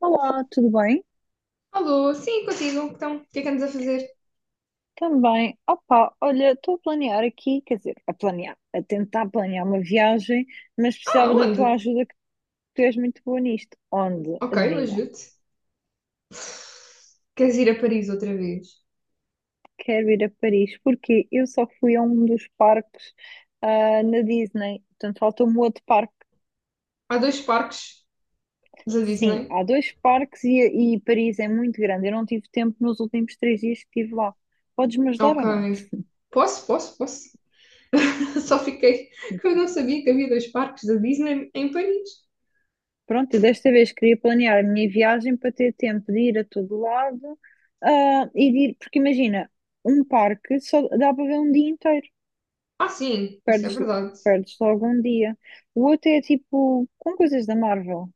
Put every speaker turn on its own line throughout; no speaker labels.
Olá, tudo bem?
Alô, sim, contigo. Então, o que é que andas a fazer?
Também, opa, olha, estou a planear aqui, quer dizer, a planear, a tentar planear uma viagem, mas
Ah,
precisava da tua
onde?
ajuda, que tu és muito boa nisto. Onde?
Ok, eu
Adivinha?
ajudo-te. Queres ir a Paris outra vez?
Quero ir a Paris, porque eu só fui a um dos parques, na Disney, portanto falta-me outro parque.
Há dois parques da
Sim,
Disney.
há dois parques e Paris é muito grande, eu não tive tempo nos últimos 3 dias que estive lá. Podes-me ajudar ou não?
Ok. Posso, posso, posso. Só fiquei que eu não sabia que havia dois parques da Disney em Paris.
Pronto, eu desta vez queria planear a minha viagem para ter tempo de ir a todo lado, e de ir, porque imagina, um parque só dá para ver um dia inteiro,
Ah, sim, isso é
perdes,
verdade.
perdes logo um dia. O outro é tipo com coisas da Marvel.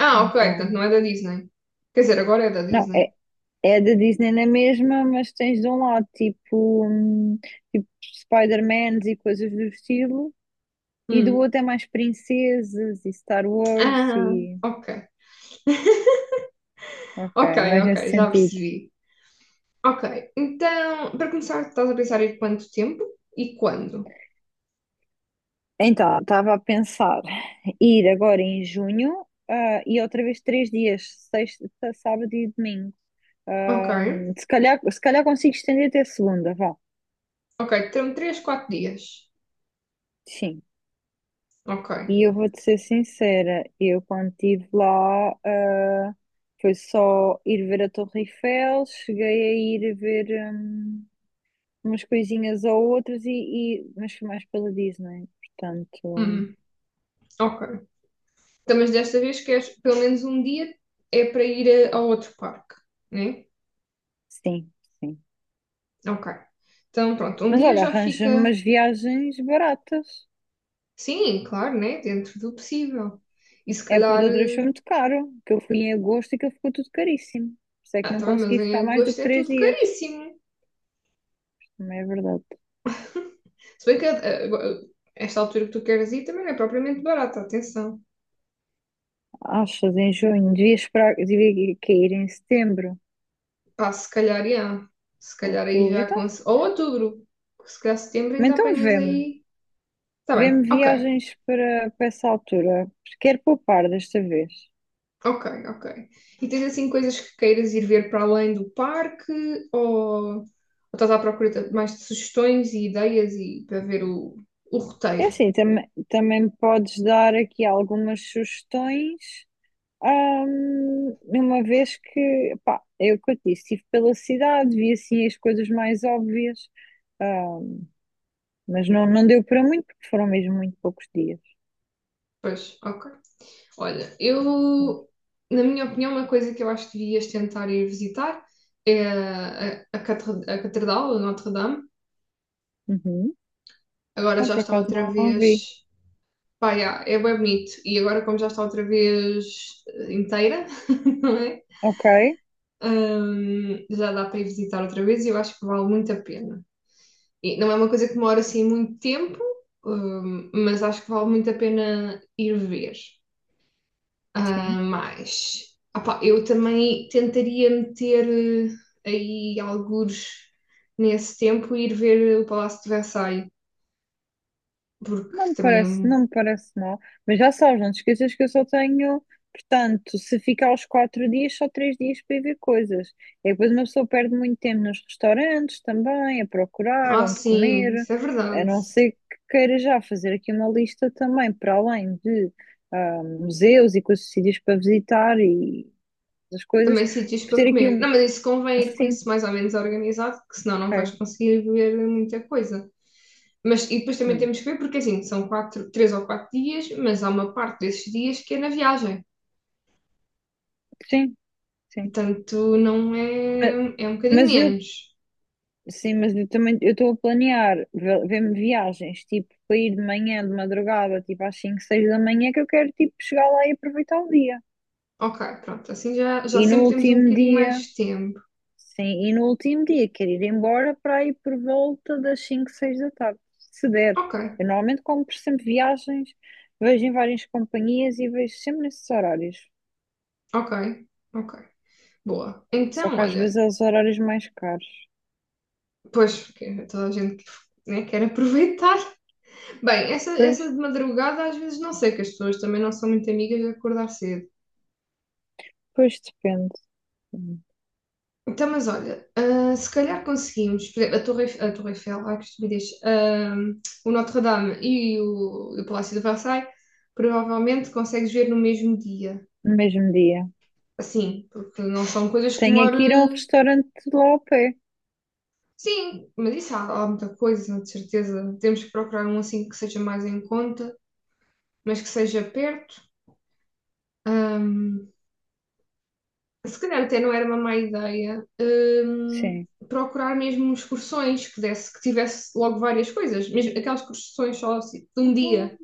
Ah, ok,
Então,
portanto não é da Disney. Quer dizer, agora é da
não,
Disney.
é da Disney na mesma, mas tens de um lado tipo, Spider-Mans e coisas do estilo, e do
Hum.
outro é mais princesas e Star Wars
Ah,
e
ok.
ok,
Ok,
mais
ok,
nesse
já
sentido.
percebi. Ok, então, para começar, estás a pensar em quanto tempo e quando?
Então, estava a pensar ir agora em junho, e outra vez 3 dias, sexta, sábado e domingo.
Ok,
Se calhar consigo estender até segunda, vá.
ok, termo 3, 4 dias.
Sim.
Ok.
E eu vou-te ser sincera, eu quando estive lá, foi só ir ver a Torre Eiffel, cheguei a ir ver, hum, umas coisinhas ou outras, mas foi mais pela Disney, portanto,
Uhum. Ok. Então, mas desta vez queres pelo menos um dia é para ir ao outro parque, né?
sim, sim.
Ok. Então, pronto, um
Mas
dia
olha,
já
arranja-me
fica,
umas viagens baratas.
sim, claro, né? Dentro do possível. E se
É porque de
calhar,
outra vez foi muito caro, que eu fui em agosto e que ficou tudo caríssimo. Por isso é que
ah,
não
tá bem, mas
consegui
em
ficar mais do
agosto
que
é
três
tudo
dias.
caríssimo.
Também é verdade.
Se bem que agora, esta altura que tu queres ir também não é propriamente barata, atenção.
Achas em junho? Devia esperar, devia cair em setembro,
Pá, se calhar, já. Se calhar aí
outubro.
já com.
Então,
Ou outubro, se calhar setembro
mas
ainda
então
apanhas
vê-me.
aí. Está bem,
Vê-me
ok,
viagens para essa altura, porque quero poupar desta vez.
ok, ok. E tens assim coisas que queiras ir ver para além do parque ou estás à procura de mais de sugestões e ideias e para ver o
É
roteiro?
assim, também me podes dar aqui algumas sugestões. Uma vez que, pá, é o que eu te disse, estive pela cidade, vi assim as coisas mais óbvias. Ah, Mas não deu para muito, porque foram mesmo muito poucos dias.
Pois, ok. Olha, eu, na minha opinião, uma coisa que eu acho que devias tentar ir visitar é a Catedral de Notre-Dame.
Uhum.
Agora
Ah,
já
por
está
acaso
outra
não vi.
vez. Pá, yeah, é bem bonito. E agora, como já está outra vez inteira, não é?
Ok,
Já dá para ir visitar outra vez e eu acho que vale muito a pena. E não é uma coisa que demora assim muito tempo, mas acho que vale muito a pena ir ver. Ah,
sim.
mas opá, eu também tentaria meter aí algures nesse tempo e ir ver o Palácio de Versailles, porque
Não me
também é
parece,
um.
não me parece mal. Mas já sabes, não te esqueças que eu só tenho. Portanto, se ficar os 4 dias, só 3 dias para ir ver coisas. E depois uma pessoa perde muito tempo nos restaurantes também, a procurar
Ah,
onde
sim,
comer.
isso é
A
verdade.
não ser que queira já fazer aqui uma lista também, para além de museus e coisas, sítios para visitar e as coisas,
Também sítios
para
para
ter aqui
comer.
um.
Não, mas isso convém ir com
Sim,
isso mais ou menos organizado, que senão não vais
ok.
conseguir ver muita coisa. Mas, e depois também
Hum.
temos que ver, porque assim, são 4, 3 ou 4 dias, mas há uma parte desses dias que é na viagem.
Sim, sim.
Portanto, não
Ma-
é, é um bocadinho
Mas, eu,
menos.
sim, mas eu também eu estou a planear ver-me viagens, tipo, para ir de manhã, de madrugada, tipo às 5 6 da manhã, que eu quero, tipo, chegar lá e aproveitar o dia.
Ok, pronto, assim já
E no
sempre temos um
último
bocadinho mais
dia,
de tempo.
sim, e no último dia quero ir embora para ir por volta das 5 6 da tarde, se der.
Ok,
Eu normalmente compro sempre viagens, vejo em várias companhias e vejo sempre nesses horários.
ok, ok. Boa.
Só
Então,
que às
olha,
vezes é os horários mais caros.
pois, porque toda a gente né, quer aproveitar. Bem, essa,
Pois,
essa de madrugada às vezes não sei, que as pessoas também não são muito amigas de acordar cedo.
pois depende.
Então, mas olha, ah, se calhar conseguimos, por exemplo, a Torre Eiffel, ai que estupidez, ah, o Notre-Dame e o Palácio de Versailles, provavelmente consegues ver no mesmo dia.
No mesmo dia.
Assim, porque não são coisas que
Tenho aqui ir a um
demoram.
restaurante lá ao pé.
Sim, mas isso há muita coisa, de certeza. Temos que procurar um assim que seja mais em conta, mas que seja perto. Ah, se calhar até não era uma má ideia,
Sim.
procurar mesmo excursões que desse, que tivesse logo várias coisas, mesmo aquelas excursões só assim, de um dia.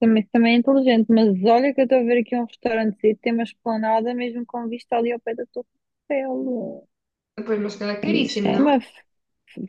Também é inteligente, mas olha que eu estou a ver aqui um restaurante que tem uma esplanada mesmo com vista ali ao pé da Torre Eiffel.
Ah, pois, mas se calhar é
Isso
caríssimo,
é.
não?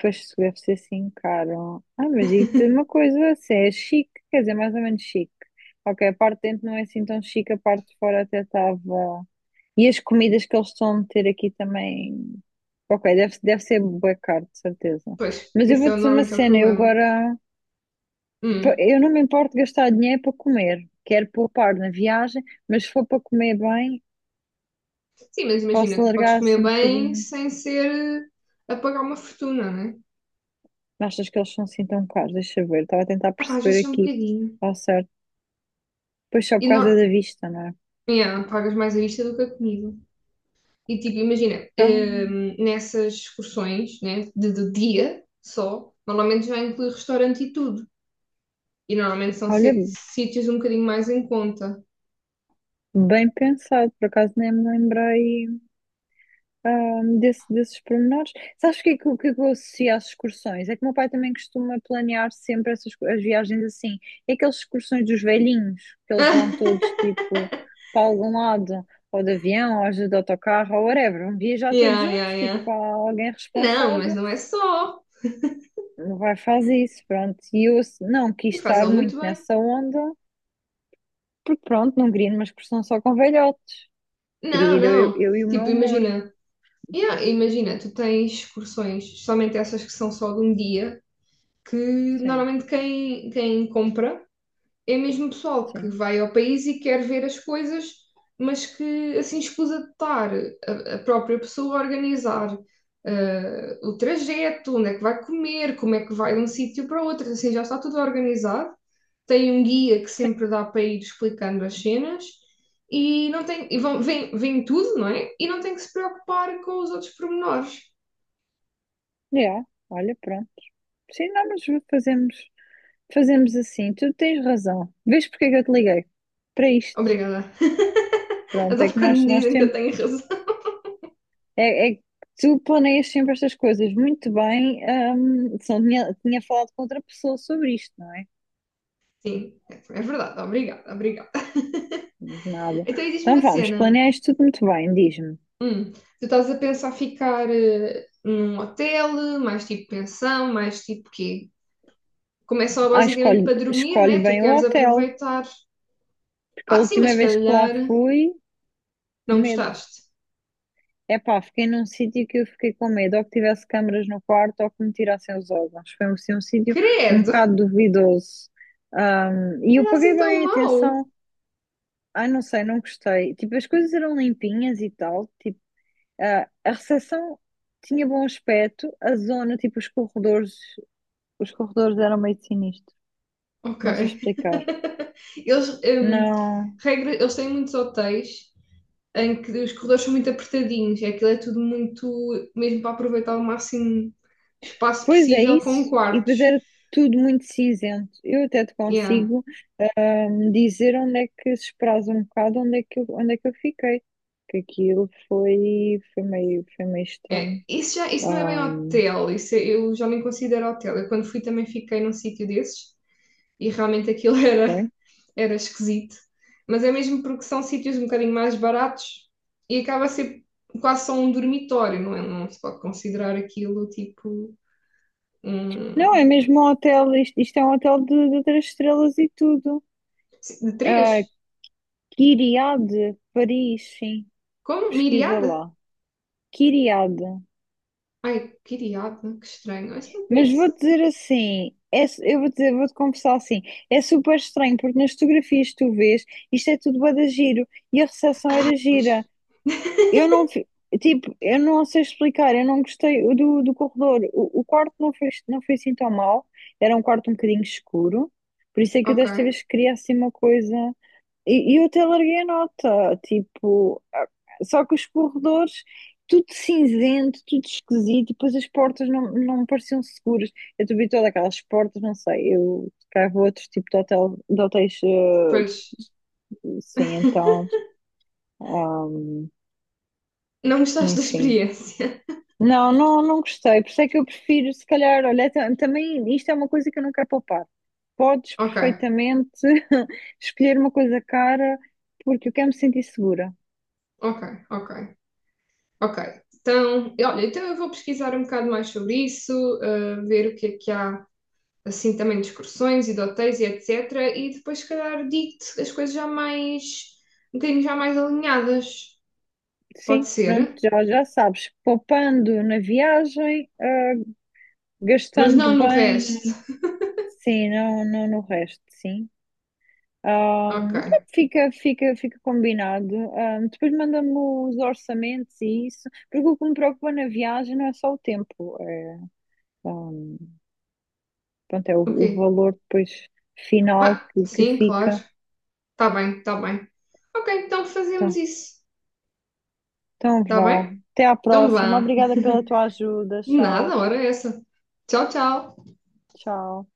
Pois isso deve ser assim caro. Mas digo-te uma coisa, assim, é chique, quer dizer, mais ou menos chique. Ok, a parte de dentro não é assim tão chique, a parte de fora até estava. E as comidas que eles estão a meter aqui também. Ok, deve ser bué caro, de certeza.
Pois,
Mas eu
esse
vou
é
dizer uma
normalmente é o
cena, eu
problema.
agora,
Hum.
eu não me importo gastar dinheiro para comer. Quero poupar na viagem, mas se for para comer bem,
Sim, mas imagina,
posso
tu podes
largar assim
comer
um
bem
bocadinho.
sem ser a pagar uma fortuna, né?
Achas que eles são assim tão caros? Deixa eu ver, estava a tentar
Ah, pá, às
perceber
vezes é um
aqui.
bocadinho.
Está certo. Pois só
E
por causa
não,
da vista, não é?
yeah, pagas mais a vista do que a comida. E tipo, imagina,
Então,
nessas excursões, né, de dia só, normalmente já inclui restaurante e tudo. E normalmente são
olha,
sítios um bocadinho mais em conta.
bem pensado, por acaso nem me lembrei desses pormenores. Sabes o que, é que, o que é que eu associo às excursões? É que o meu pai também costuma planear sempre essas, as viagens assim. É aquelas excursões dos velhinhos, que eles vão todos tipo para algum lado, ou de avião, ou às vezes de autocarro, ou whatever. Vão viajar todos
Yeah, yeah,
juntos, tipo,
yeah.
há alguém
Não, mas
responsável.
não é só.
O vai fazer isso, pronto. E eu não quis
E
estar
fazê-lo
muito
muito bem.
nessa onda, porque pronto, não queria ir numa excursão só com velhote. Queria
Não,
ir
não.
eu e o meu
Tipo,
amor.
imagina. Yeah, imagina, tu tens excursões, somente essas que são só de um dia, que
Sim,
normalmente quem compra é mesmo pessoal que
sim,
vai ao país e quer ver as coisas, mas que assim escusa de estar a própria pessoa a organizar o trajeto, onde é que vai comer, como é que vai de um sítio para outro, assim já está tudo organizado. Tem um guia que
sim.
sempre dá para ir explicando as cenas e não tem e vão, vem tudo, não é? E não tem que se preocupar com os outros pormenores.
Yeah. Olha, pronto. Sim, não, mas fazemos, fazemos assim. Tu tens razão. Vês porque é que eu te liguei? Para isto.
Obrigada.
Pronto, é
Adoro
que
quando me
nós
dizem que eu
temos.
tenho razão.
É que tu planeias sempre estas coisas muito bem. Senão tinha falado com outra pessoa sobre isto, não é?
Sim, é verdade. Obrigada, obrigada.
Nada.
Então, e diz-me
Então
uma
vamos,
cena.
planeia isto tudo muito bem, diz-me.
Tu estás a pensar ficar num hotel, mais tipo pensão, mais tipo quê? Como é só
Ah,
basicamente
escolhe,
para dormir,
escolhe
né? Tu
bem o
queres
hotel,
aproveitar.
porque a
Ah, sim, mas
última
se
vez que lá
calhar
fui,
não
medo.
gostaste.
Epá, fiquei num sítio que eu fiquei com medo, ou que tivesse câmaras no quarto, ou que me tirassem os órgãos. Foi assim, um sítio um
Credo!
bocado duvidoso. E eu
Era
paguei
assim tão
bem
mau.
atenção. Ai, não sei, não gostei. Tipo, as coisas eram limpinhas e tal. Tipo, a recepção tinha bom aspecto, a zona, tipo, os corredores eram meio sinistros.
Ok.
Não sei explicar.
Eles,
Não.
regra, eles têm muitos hotéis em que os corredores são muito apertadinhos. E aquilo é tudo muito, mesmo para aproveitar o máximo espaço
Pois é
possível com
isso. E depois
quartos.
era tudo muito cinzento. Eu até te
Yeah.
consigo me dizer onde é que se esperasse um bocado onde é que eu fiquei. Que aquilo foi meio
É,
estranho.
isso, já, isso não é bem
Ah,
hotel, eu já nem considero hotel. Eu quando fui também fiquei num sítio desses e realmente aquilo era,
ok.
era esquisito. Mas é mesmo porque são sítios um bocadinho mais baratos e acaba a ser quase só um dormitório, não é? Não se pode considerar aquilo tipo
Não,
um.
é mesmo um hotel, isto é um hotel de três estrelas e tudo.
De
Ah,
três?
Kyriade, Paris, sim,
Como?
pesquisa
Miriada?
lá. Kyriade.
Ai, quiriada, que estranho. Isso não
Mas vou
conheço.
dizer assim, é eu vou dizer, vou-te confessar assim, é super estranho, porque nas fotografias que tu vês, isto é tudo bué de giro, e a recepção era
Pois.
gira. Eu não, tipo, eu não sei explicar, eu não gostei do corredor. O quarto não foi assim tão mal, era um quarto um bocadinho escuro, por isso é que eu
Ok,
desta vez queria assim uma coisa. E eu até larguei a nota, tipo, só que os corredores, tudo cinzento, tudo esquisito, e depois as portas não me pareciam seguras. Eu também todas aquelas portas, não sei, eu cá vou outro tipo de hotel, de hotéis,
pois.
sim, então, ah,
Não gostaste da
enfim.
experiência?
Não, não, não gostei. Por isso é que eu prefiro, se calhar, olha, também isto é uma coisa que eu não quero poupar. Podes
Ok,
perfeitamente escolher uma coisa cara, porque eu quero me sentir segura.
ok, ok. Ok, então, e olha, então eu vou pesquisar um bocado mais sobre isso, ver o que é que há, assim, também de excursões e de hotéis e etc. E depois, se calhar, digo-te as coisas já mais, um bocadinho já mais alinhadas. Pode
Sim, pronto,
ser,
já sabes. Poupando na viagem,
mas não
gastando
no resto.
bem, sim, não, não no resto, sim.
Ok,
Pronto, fica combinado. Depois manda-me os orçamentos e isso, porque o que me preocupa na viagem não é só o tempo. É, ah, pronto, é o
ok.
valor depois final
Ah,
que
sim, claro.
fica.
Tá bem, tá bem. Ok, então fazemos
Então,
isso.
então
Tá
vá.
bem?
Até à
Então
próxima.
vá.
Obrigada pela tua ajuda. Tchau.
Nada, hora é essa. Tchau, tchau.
Tchau.